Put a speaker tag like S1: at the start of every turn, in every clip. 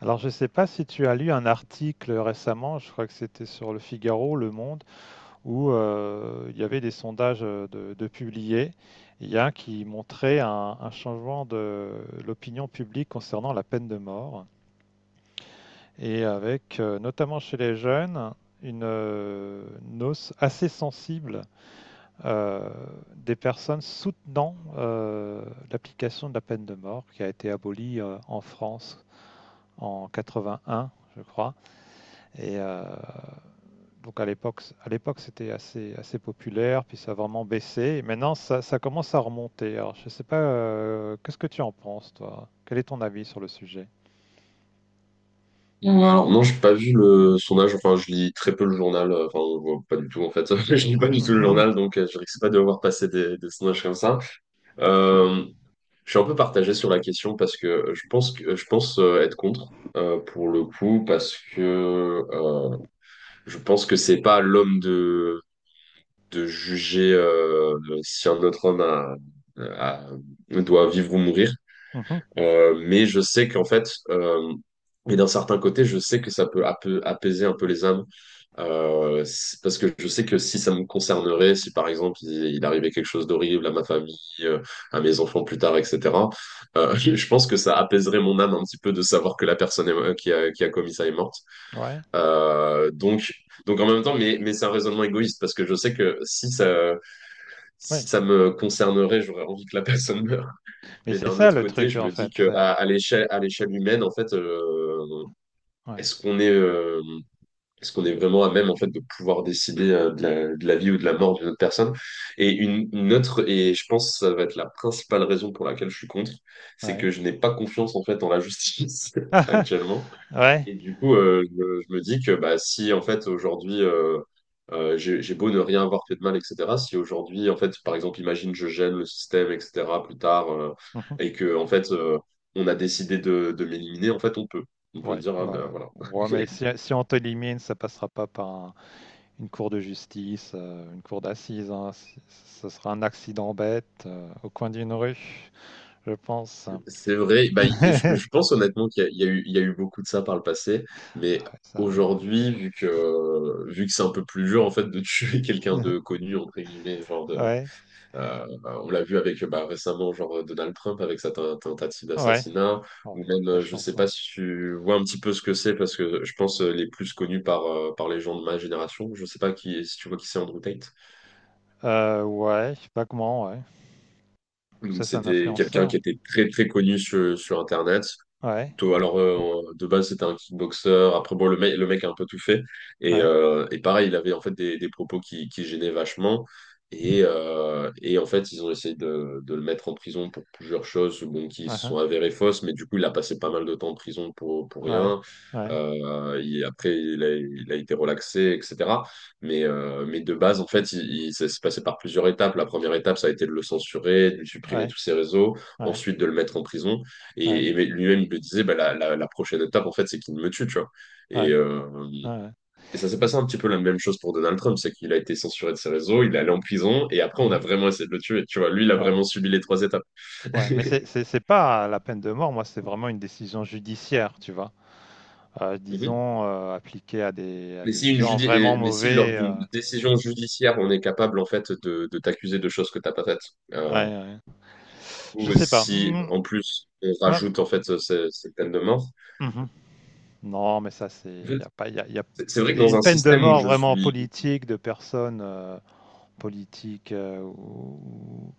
S1: Alors, je ne sais pas si tu as lu un article récemment, je crois que c'était sur Le Figaro, Le Monde, où il y avait des sondages de publiés. Il y a un qui montrait un changement de l'opinion publique concernant la peine de mort, et avec notamment chez les jeunes une, euh, une hausse assez sensible euh, des personnes soutenant l'application de la peine de mort qui a été abolie en France en 81, je crois. Et donc à l'époque, c'était assez, assez populaire, puis ça a vraiment baissé. Et maintenant, ça commence à remonter. Alors, je ne sais pas, qu'est-ce que tu en penses, toi? Quel est ton avis sur le sujet?
S2: Ou alors, non, j'ai pas vu le sondage. Enfin, je lis très peu le journal. Enfin, on voit pas du tout en fait. Je lis pas du tout le
S1: Mhm,
S2: journal, donc je risque pas de voir passer des sondages comme ça. Euh, je suis un peu partagé sur la question parce que je pense être contre pour le coup parce que je pense que c'est pas à l'homme de juger, si un autre homme a- doit vivre ou mourir.
S1: mhm.
S2: Mais je sais qu'en fait, mais d'un certain côté, je sais que ça peut apaiser un peu les âmes, parce que je sais que si ça me concernerait, si par exemple il arrivait quelque chose d'horrible à ma famille, à mes enfants plus tard, etc., je pense que ça apaiserait mon âme un petit peu de savoir que la personne qui qui a commis ça est morte.
S1: Ouais,
S2: Euh, donc, donc en même temps, mais c'est un raisonnement égoïste, parce que je sais que
S1: ouais.
S2: si ça me concernerait, j'aurais envie que la personne meure.
S1: Mais
S2: Mais
S1: c'est
S2: d'un
S1: ça
S2: autre
S1: le
S2: côté,
S1: truc,
S2: je
S1: en
S2: me dis
S1: fait.
S2: que à l'échelle humaine, en fait,
S1: Ouais,
S2: est-ce qu'on est, euh, est-ce qu'on est vraiment à même en fait de pouvoir décider, de de la vie ou de la mort d'une autre personne? Et une autre, et je pense que ça va être la principale raison pour laquelle je suis contre, c'est
S1: ouais.
S2: que je n'ai pas confiance en fait en la justice actuellement.
S1: Ouais.
S2: Et du coup, je me dis que bah, si en fait aujourd'hui j'ai beau ne rien avoir fait de mal, etc. Si aujourd'hui, en fait, par exemple, imagine je gêne le système, etc. plus tard,
S1: Mhm.
S2: et que en fait on a décidé de m'éliminer, en fait, on peut. On peut se
S1: Ouais,
S2: dire, ah ben
S1: voilà.
S2: voilà.
S1: Ouais, mais si on t'élimine, ça passera pas par une cour de justice, une cour d'assises, hein. Ce sera un accident bête au coin d'une rue, je pense.
S2: C'est vrai, bah, je pense honnêtement qu'il y a, il y a eu beaucoup de ça par le passé, mais
S1: Ah ouais, ça arrive.
S2: aujourd'hui, vu que c'est un peu plus dur en fait de tuer quelqu'un
S1: Ouais.
S2: de connu, entre guillemets, genre de,
S1: ouais,
S2: On l'a vu avec bah, récemment, genre Donald Trump avec sa tentative
S1: ouais.
S2: d'assassinat,
S1: Oh,
S2: ou
S1: il a de
S2: même,
S1: la
S2: je sais
S1: chance,
S2: pas
S1: hein.
S2: si tu vois un petit peu ce que c'est, parce que je pense les plus connus par, par les gens de ma génération. Je sais pas qui, si tu vois qui c'est Andrew Tate.
S1: Ouais, je sais pas comment, ouais.
S2: Donc,
S1: Ça, c'est un
S2: c'était quelqu'un
S1: influenceur.
S2: qui était très très connu sur Internet.
S1: Ouais,
S2: Toi, alors, de base, c'était un kickboxer. Après, bon, le mec a un peu tout fait.
S1: ouais,
S2: Et pareil, il avait en fait des propos qui gênaient vachement. Et en fait, ils ont essayé de le mettre en prison pour plusieurs choses bon, qui se
S1: aha,
S2: sont avérées fausses. Mais du coup, il a passé pas mal de temps en prison pour
S1: ouais,
S2: rien.
S1: ouais,
S2: Après, il a été relaxé, etc. Mais de base, en fait, ça s'est passé par plusieurs étapes. La première étape, ça a été de le censurer, de lui supprimer
S1: ouais,
S2: tous ses réseaux,
S1: ouais,
S2: ensuite de le mettre en prison.
S1: ouais,
S2: Et lui-même, il me disait, bah, la prochaine étape, en fait, c'est qu'il me tue, tu vois. Et,
S1: ouais,
S2: euh,
S1: ouais,
S2: et ça s'est passé un petit peu la même chose pour Donald Trump, c'est qu'il a été censuré de ses réseaux, il est allé en prison, et après, on a
S1: mhm,
S2: vraiment essayé de le tuer, tu vois. Lui, il a
S1: ouais,
S2: vraiment subi les trois étapes.
S1: ouais. Mais c'est pas la peine de mort, moi, c'est vraiment une décision judiciaire, tu vois.
S2: Mhm.
S1: Disons, appliquée à des, à
S2: Mais
S1: des
S2: si,
S1: gens vraiment
S2: mais si lors
S1: mauvais.
S2: d'une décision judiciaire, on est capable en fait de t'accuser de choses que t'as pas faites,
S1: Ouais,
S2: euh,
S1: ouais. Je
S2: ou
S1: sais pas.
S2: si
S1: Mhm,
S2: en plus on
S1: moi-
S2: rajoute en fait ces peines de mort,
S1: mhm. Non, mais ça, c'est.
S2: en
S1: Il
S2: fait,
S1: y a pas. Il y a
S2: c'est vrai que dans
S1: une
S2: un
S1: peine de
S2: système où
S1: mort
S2: je
S1: vraiment
S2: suis,
S1: politique, de personnes politiques ou,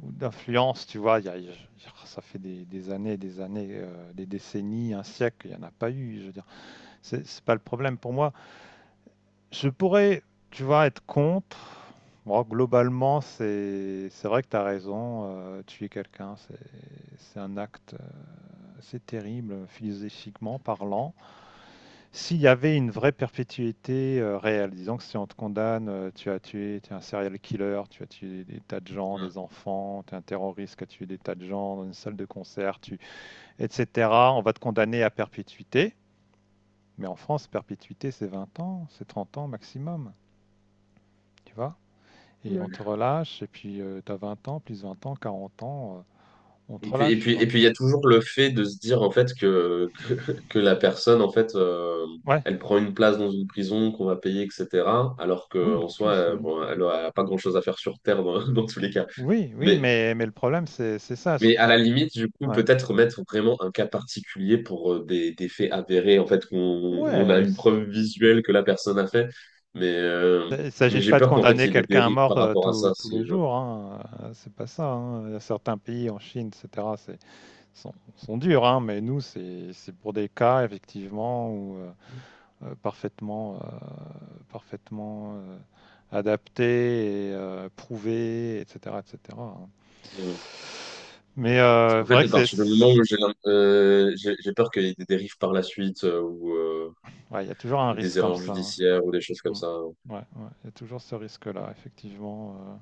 S1: ou d'influence, tu vois. Ça fait des années, des années, des décennies, un siècle, il n'y en a pas eu. Je veux dire, c'est pas le problème pour moi. Je pourrais, tu vois, être contre. Moi, globalement, c'est vrai que tu as raison. Tuer quelqu'un, c'est un acte, c'est terrible, philosophiquement parlant. S'il y avait une vraie perpétuité, réelle, disons que si on te condamne, tu as tué tu es un serial killer, tu as tué des tas de gens, des enfants, tu es un terroriste qui a tué des tas de gens dans une salle de concert, tu et cetera. On va te condamner à perpétuité, mais en France, perpétuité, c'est 20 ans, c'est 30 ans maximum, tu vois? Et on te relâche et puis, tu as 20 ans, plus 20 ans, 40 ans, on te
S2: et puis,
S1: relâche, quoi.
S2: il y a toujours le fait de se dire en fait que la personne en fait
S1: Ouais,
S2: elle prend une place dans une prison qu'on va payer, etc. Alors
S1: oui,
S2: qu'en
S1: en
S2: soi,
S1: plus, oui.
S2: bon, elle n'a pas grand-chose à faire sur Terre dans, dans tous les cas.
S1: Oui, oui,
S2: Mais,
S1: mais le problème, c'est ça, c'est
S2: mais à la limite, du coup,
S1: ouais.
S2: peut-être mettre vraiment un cas particulier pour des faits avérés, en fait, qu'on a
S1: Ouais,
S2: une preuve visuelle que la personne a fait. Mais, euh,
S1: il ne
S2: mais
S1: s'agit
S2: j'ai
S1: pas de
S2: peur qu'en fait, il
S1: condamner
S2: y ait des
S1: quelqu'un à
S2: dérives
S1: mort,
S2: par rapport à
S1: tous
S2: ça.
S1: tous les jours, hein, c'est pas ça, hein. Il y a certains pays en Chine et cetera, c'est sont durs, hein, mais nous c'est pour des cas effectivement où, parfaitement, parfaitement, heu, adaptés et prouvés et cetera, hein.
S2: Euh,
S1: Mais
S2: En
S1: c'est
S2: fait,
S1: vrai
S2: à
S1: que c'est
S2: partir du moment où j'ai l'im- j'ai peur qu'il y ait des dérives par la suite
S1: ouais, il y a toujours un
S2: ou des
S1: risque comme
S2: erreurs
S1: ça, hein.
S2: judiciaires ou des choses comme
S1: Mmh.
S2: ça,
S1: Ouais, ouais, il y a toujours ce risque-là effectivement.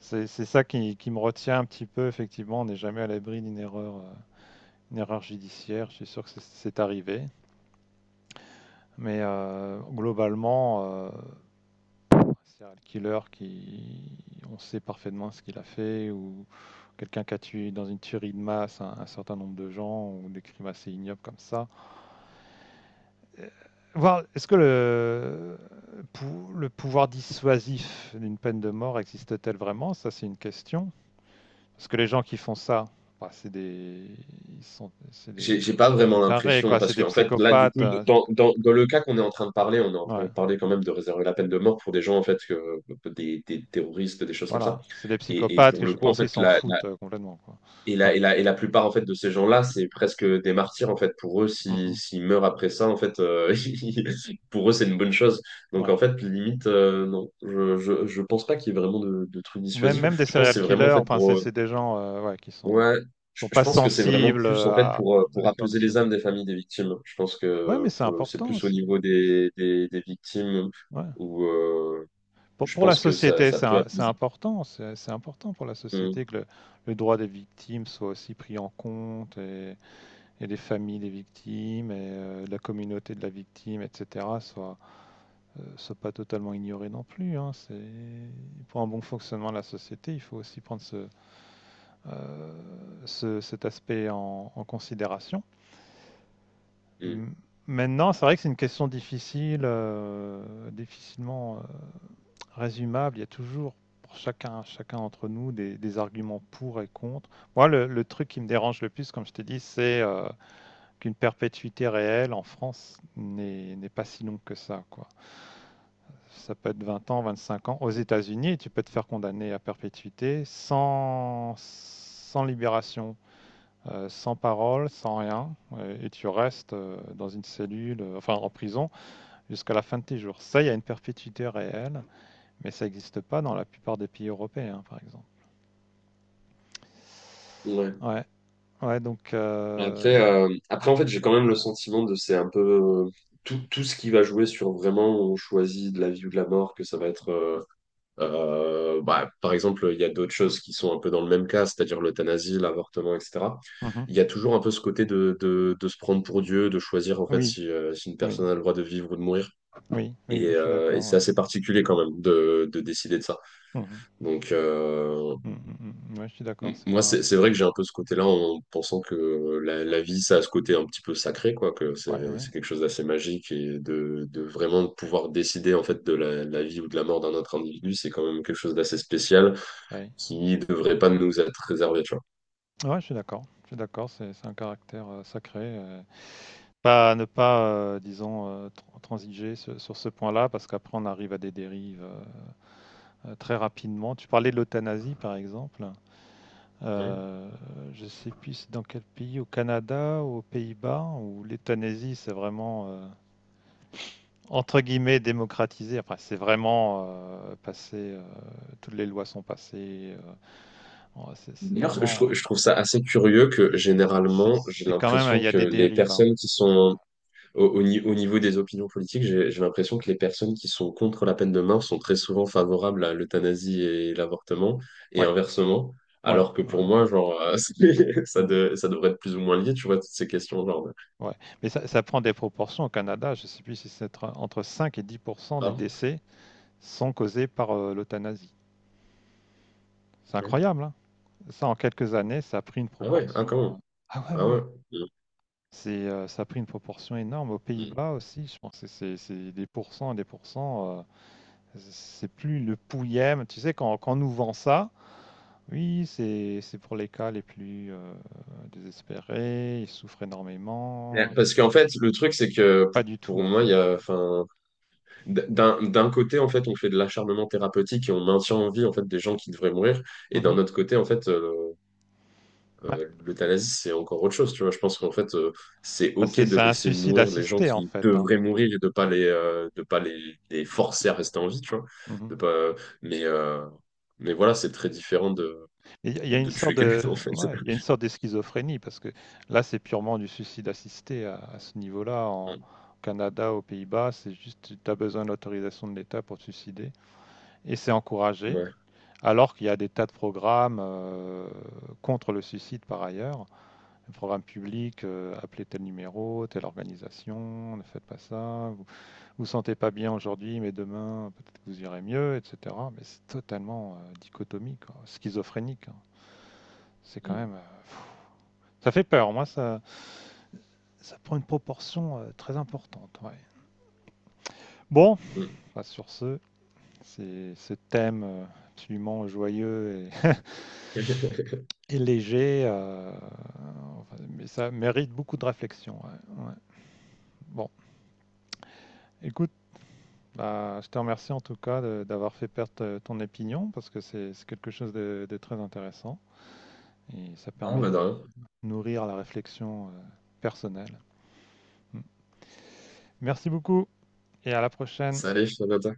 S1: C'est ça qui me retient un petit peu, effectivement. On n'est jamais à l'abri d'une erreur, une erreur judiciaire. Je suis sûr que c'est arrivé. Mais globalement, serial killer qui, on sait parfaitement ce qu'il a fait, ou quelqu'un qui a tué dans une tuerie de masse un certain nombre de gens, ou des crimes assez ignobles comme ça. Euh, Voir, est-ce que le pouvoir dissuasif d'une peine de mort existe-t-elle vraiment? Ça, c'est une question. Parce que les gens qui font ça, bah, c'est des... Ils sont...
S2: j'ai pas
S1: c'est
S2: vraiment
S1: des tarés,
S2: l'impression
S1: quoi. C'est
S2: parce que
S1: des
S2: en fait là du
S1: psychopathes.
S2: coup dans, dans le cas qu'on est en train de parler, on est en train
S1: Ouais,
S2: de parler quand même de réserver la peine de mort pour des gens en fait que, des terroristes, des choses comme ça.
S1: voilà. C'est des
S2: Et
S1: psychopathes
S2: pour
S1: que
S2: le
S1: je
S2: coup en
S1: pense qu'ils
S2: fait
S1: s'en
S2: la,
S1: foutent complètement, quoi.
S2: Et
S1: Ouais.
S2: et la plupart en fait de ces gens-là, c'est presque des martyrs en fait. Pour eux,
S1: Mhm.
S2: s'ils meurent après ça, en fait, pour eux, c'est une bonne chose. Donc
S1: Ouais.
S2: en fait, limite, non, je pense pas qu'il y ait vraiment de trucs
S1: Ou même,
S2: dissuasifs.
S1: même des
S2: Je pense que
S1: serial
S2: c'est vraiment en
S1: killers,
S2: fait
S1: enfin, c'est
S2: pour,
S1: c'est des gens ouais, qui sont...
S2: ouais,
S1: sont
S2: je
S1: pas
S2: pense que c'est vraiment
S1: sensibles
S2: plus en fait
S1: à
S2: pour
S1: l'effort
S2: apaiser les âmes
S1: dissuasif.
S2: des familles des victimes. Je pense que
S1: Ouais, mais c'est
S2: c'est
S1: important
S2: plus au
S1: aussi.
S2: niveau des des victimes
S1: Ouais.
S2: où
S1: Pour,
S2: je
S1: pour la
S2: pense que
S1: société,
S2: ça
S1: c'est
S2: peut
S1: c'est
S2: apaiser.
S1: important. C'est important pour la
S2: Mm,
S1: société que le droit des victimes soit aussi pris en compte. Et les familles des victimes et la communauté de la victime, etc., soient pas totalement ignorées non plus, hein. Pour un bon fonctionnement de la société, il faut aussi prendre cet aspect en considération.
S2: mm.
S1: M- Maintenant, c'est vrai que c'est une question difficile, difficilement résumable. Il y a toujours pour chacun d'entre nous des arguments pour et contre. Moi, le truc qui me dérange le plus, comme je t'ai dit, c'est qu'une perpétuité réelle en France n'est pas si longue que ça, quoi. Ça peut être 20 ans, 25 ans. Aux États-Unis, tu peux te faire condamner à perpétuité sans libération, sans parole, sans rien, et tu restes dans une cellule, enfin en prison, jusqu'à la fin de tes jours. Ça, il y a une perpétuité réelle, mais ça n'existe pas dans la plupart des pays européens, hein, par exemple.
S2: Ouais.
S1: Ouais, ouais, donc
S2: Après, en fait, j'ai quand même le
S1: non.
S2: sentiment de c'est un peu euh, tout ce qui va jouer sur vraiment on choisit de la vie ou de la mort, que ça va être. Bah, par exemple, il y a d'autres choses qui sont un peu dans le même cas, c'est-à-dire l'euthanasie, l'avortement, etc.
S1: Mhm.
S2: Il y a toujours un peu ce côté de se prendre pour Dieu, de choisir en fait
S1: Oui,
S2: si, si une
S1: oui,
S2: personne a le droit de vivre ou de mourir.
S1: oui, oui, oui, je suis
S2: Et
S1: d'accord.
S2: c'est
S1: Ouais.
S2: assez particulier quand même de décider de ça.
S1: Mhm.
S2: Donc,
S1: Mmh, mmh, mmh. Ouais, je suis d'accord, c'est
S2: Moi,
S1: pas
S2: c'est vrai que j'ai un peu ce côté-là en pensant que la vie, ça a ce côté un petit peu sacré, quoi, que
S1: ouais, ouais,
S2: c'est quelque chose d'assez magique et de vraiment de pouvoir décider en fait de la vie ou de la mort d'un autre individu, c'est quand même quelque chose d'assez spécial
S1: ouais.
S2: qui devrait pas nous être réservé, tu vois.
S1: Ouais, je suis d'accord. Je suis d'accord, c'est un caractère, sacré, pas ne pas, disons, transiger ce sur ce point-là parce qu'après on arrive à des dérives, très rapidement. Tu parlais de l'euthanasie par exemple,
S2: Ouais.
S1: heu, je sais plus c'est dans quel pays, au Canada ou aux Pays-Bas où l'euthanasie c'est vraiment, entre guillemets «démocratisé». Enfin, c'est vraiment, passé, toutes les lois sont passées, en c'est
S2: D'ailleurs,
S1: vraiment.
S2: je trouve ça assez curieux que
S1: Et c'est
S2: généralement, j'ai
S1: c'est quand même, il
S2: l'impression
S1: y a
S2: que
S1: des
S2: les
S1: dérives, hein.
S2: personnes qui sont Au, au ni- au niveau des opinions politiques, j'ai l'impression que les personnes qui sont contre la peine de mort sont très souvent favorables à l'euthanasie et l'avortement, et
S1: Ouais,
S2: inversement,
S1: ouais,
S2: alors que pour
S1: ouais,
S2: moi, genre,
S1: mmh,
S2: ça devrait être plus ou moins lié, tu vois, toutes ces questions, genre, de-
S1: ouais. Mais ça prend des proportions au Canada, je ne sais plus si c'est entre 5 et 10 %
S2: Ah
S1: des
S2: bon.
S1: décès sont causés par, l'euthanasie. C'est
S2: Ouais.
S1: incroyable, hein. Ça, en quelques années, ça a pris une
S2: Ah ouais, ah quand
S1: proportion,
S2: même,
S1: ah ouais,
S2: ah
S1: ouais,
S2: ouais.
S1: ouais.
S2: Mm,
S1: C'est, ça a pris une proportion énorme. Aux
S2: mm.
S1: Pays-Bas aussi, je pense que c'est des pourcents et des pourcents, c'est plus le pouillème. Tu sais, quand on nous vend ça. Oui, c'est pour les cas les plus désespérés. Ils souffrent
S2: Ouais.
S1: énormément.
S2: Parce qu'en fait, le truc, c'est que
S1: Pas du tout,
S2: pour
S1: en
S2: moi,
S1: fait,
S2: il y a,
S1: quoi.
S2: enfin,
S1: Mm.
S2: d'un côté, en fait, on fait de l'acharnement thérapeutique et on maintient en vie, en fait, des gens qui devraient mourir, et d'un
S1: Mhm.
S2: autre côté, en fait,
S1: Ouais.
S2: L'euthanasie, c'est encore autre chose, tu vois. Je pense qu'en fait, c'est
S1: Bah,
S2: OK
S1: c'est
S2: de
S1: c'est un
S2: laisser
S1: suicide
S2: mourir les gens
S1: assisté, en
S2: qui
S1: fait, hein.
S2: devraient mourir et de pas les, de pas les forcer à rester en vie, tu vois. De
S1: Mhm.
S2: pas, mais, euh, mais voilà, c'est très différent
S1: Il y a une
S2: de
S1: sorte
S2: tuer quelqu'un,
S1: de,
S2: en fait.
S1: ouais, il y a une sorte de schizophrénie parce que là, c'est purement du suicide assisté à ce niveau-là. En Au Canada, aux Pays-Bas, c'est juste tu as besoin de l'autorisation de l'État pour te suicider et c'est encouragé.
S2: Ouais.
S1: Alors qu'il y a des tas de programmes contre le suicide par ailleurs. Le programme public, appelez tel numéro, telle organisation, ne faites pas ça, vous vous sentez pas bien aujourd'hui, mais demain, peut-être que vous irez mieux, etc. Mais c'est totalement dichotomique, quoi, schizophrénique, hein. C'est quand
S2: Mm.
S1: même... ça fait peur, moi, ça prend une proportion très importante. Ouais. Bon,
S2: Mm.
S1: bah, sur ce, c'est ce thème absolument joyeux et, et léger, enfin, mais ça mérite beaucoup de réflexion. Ouais, ouais. Bon, écoute. Bah, je te remercie en tout cas d'avoir fait perdre ton opinion parce que c'est quelque chose de très intéressant et ça
S2: Non,
S1: permet
S2: bah, de
S1: de
S2: rien.
S1: nourrir la réflexion personnelle. Mm. Merci beaucoup et à la prochaine.
S2: Salut, Jonathan.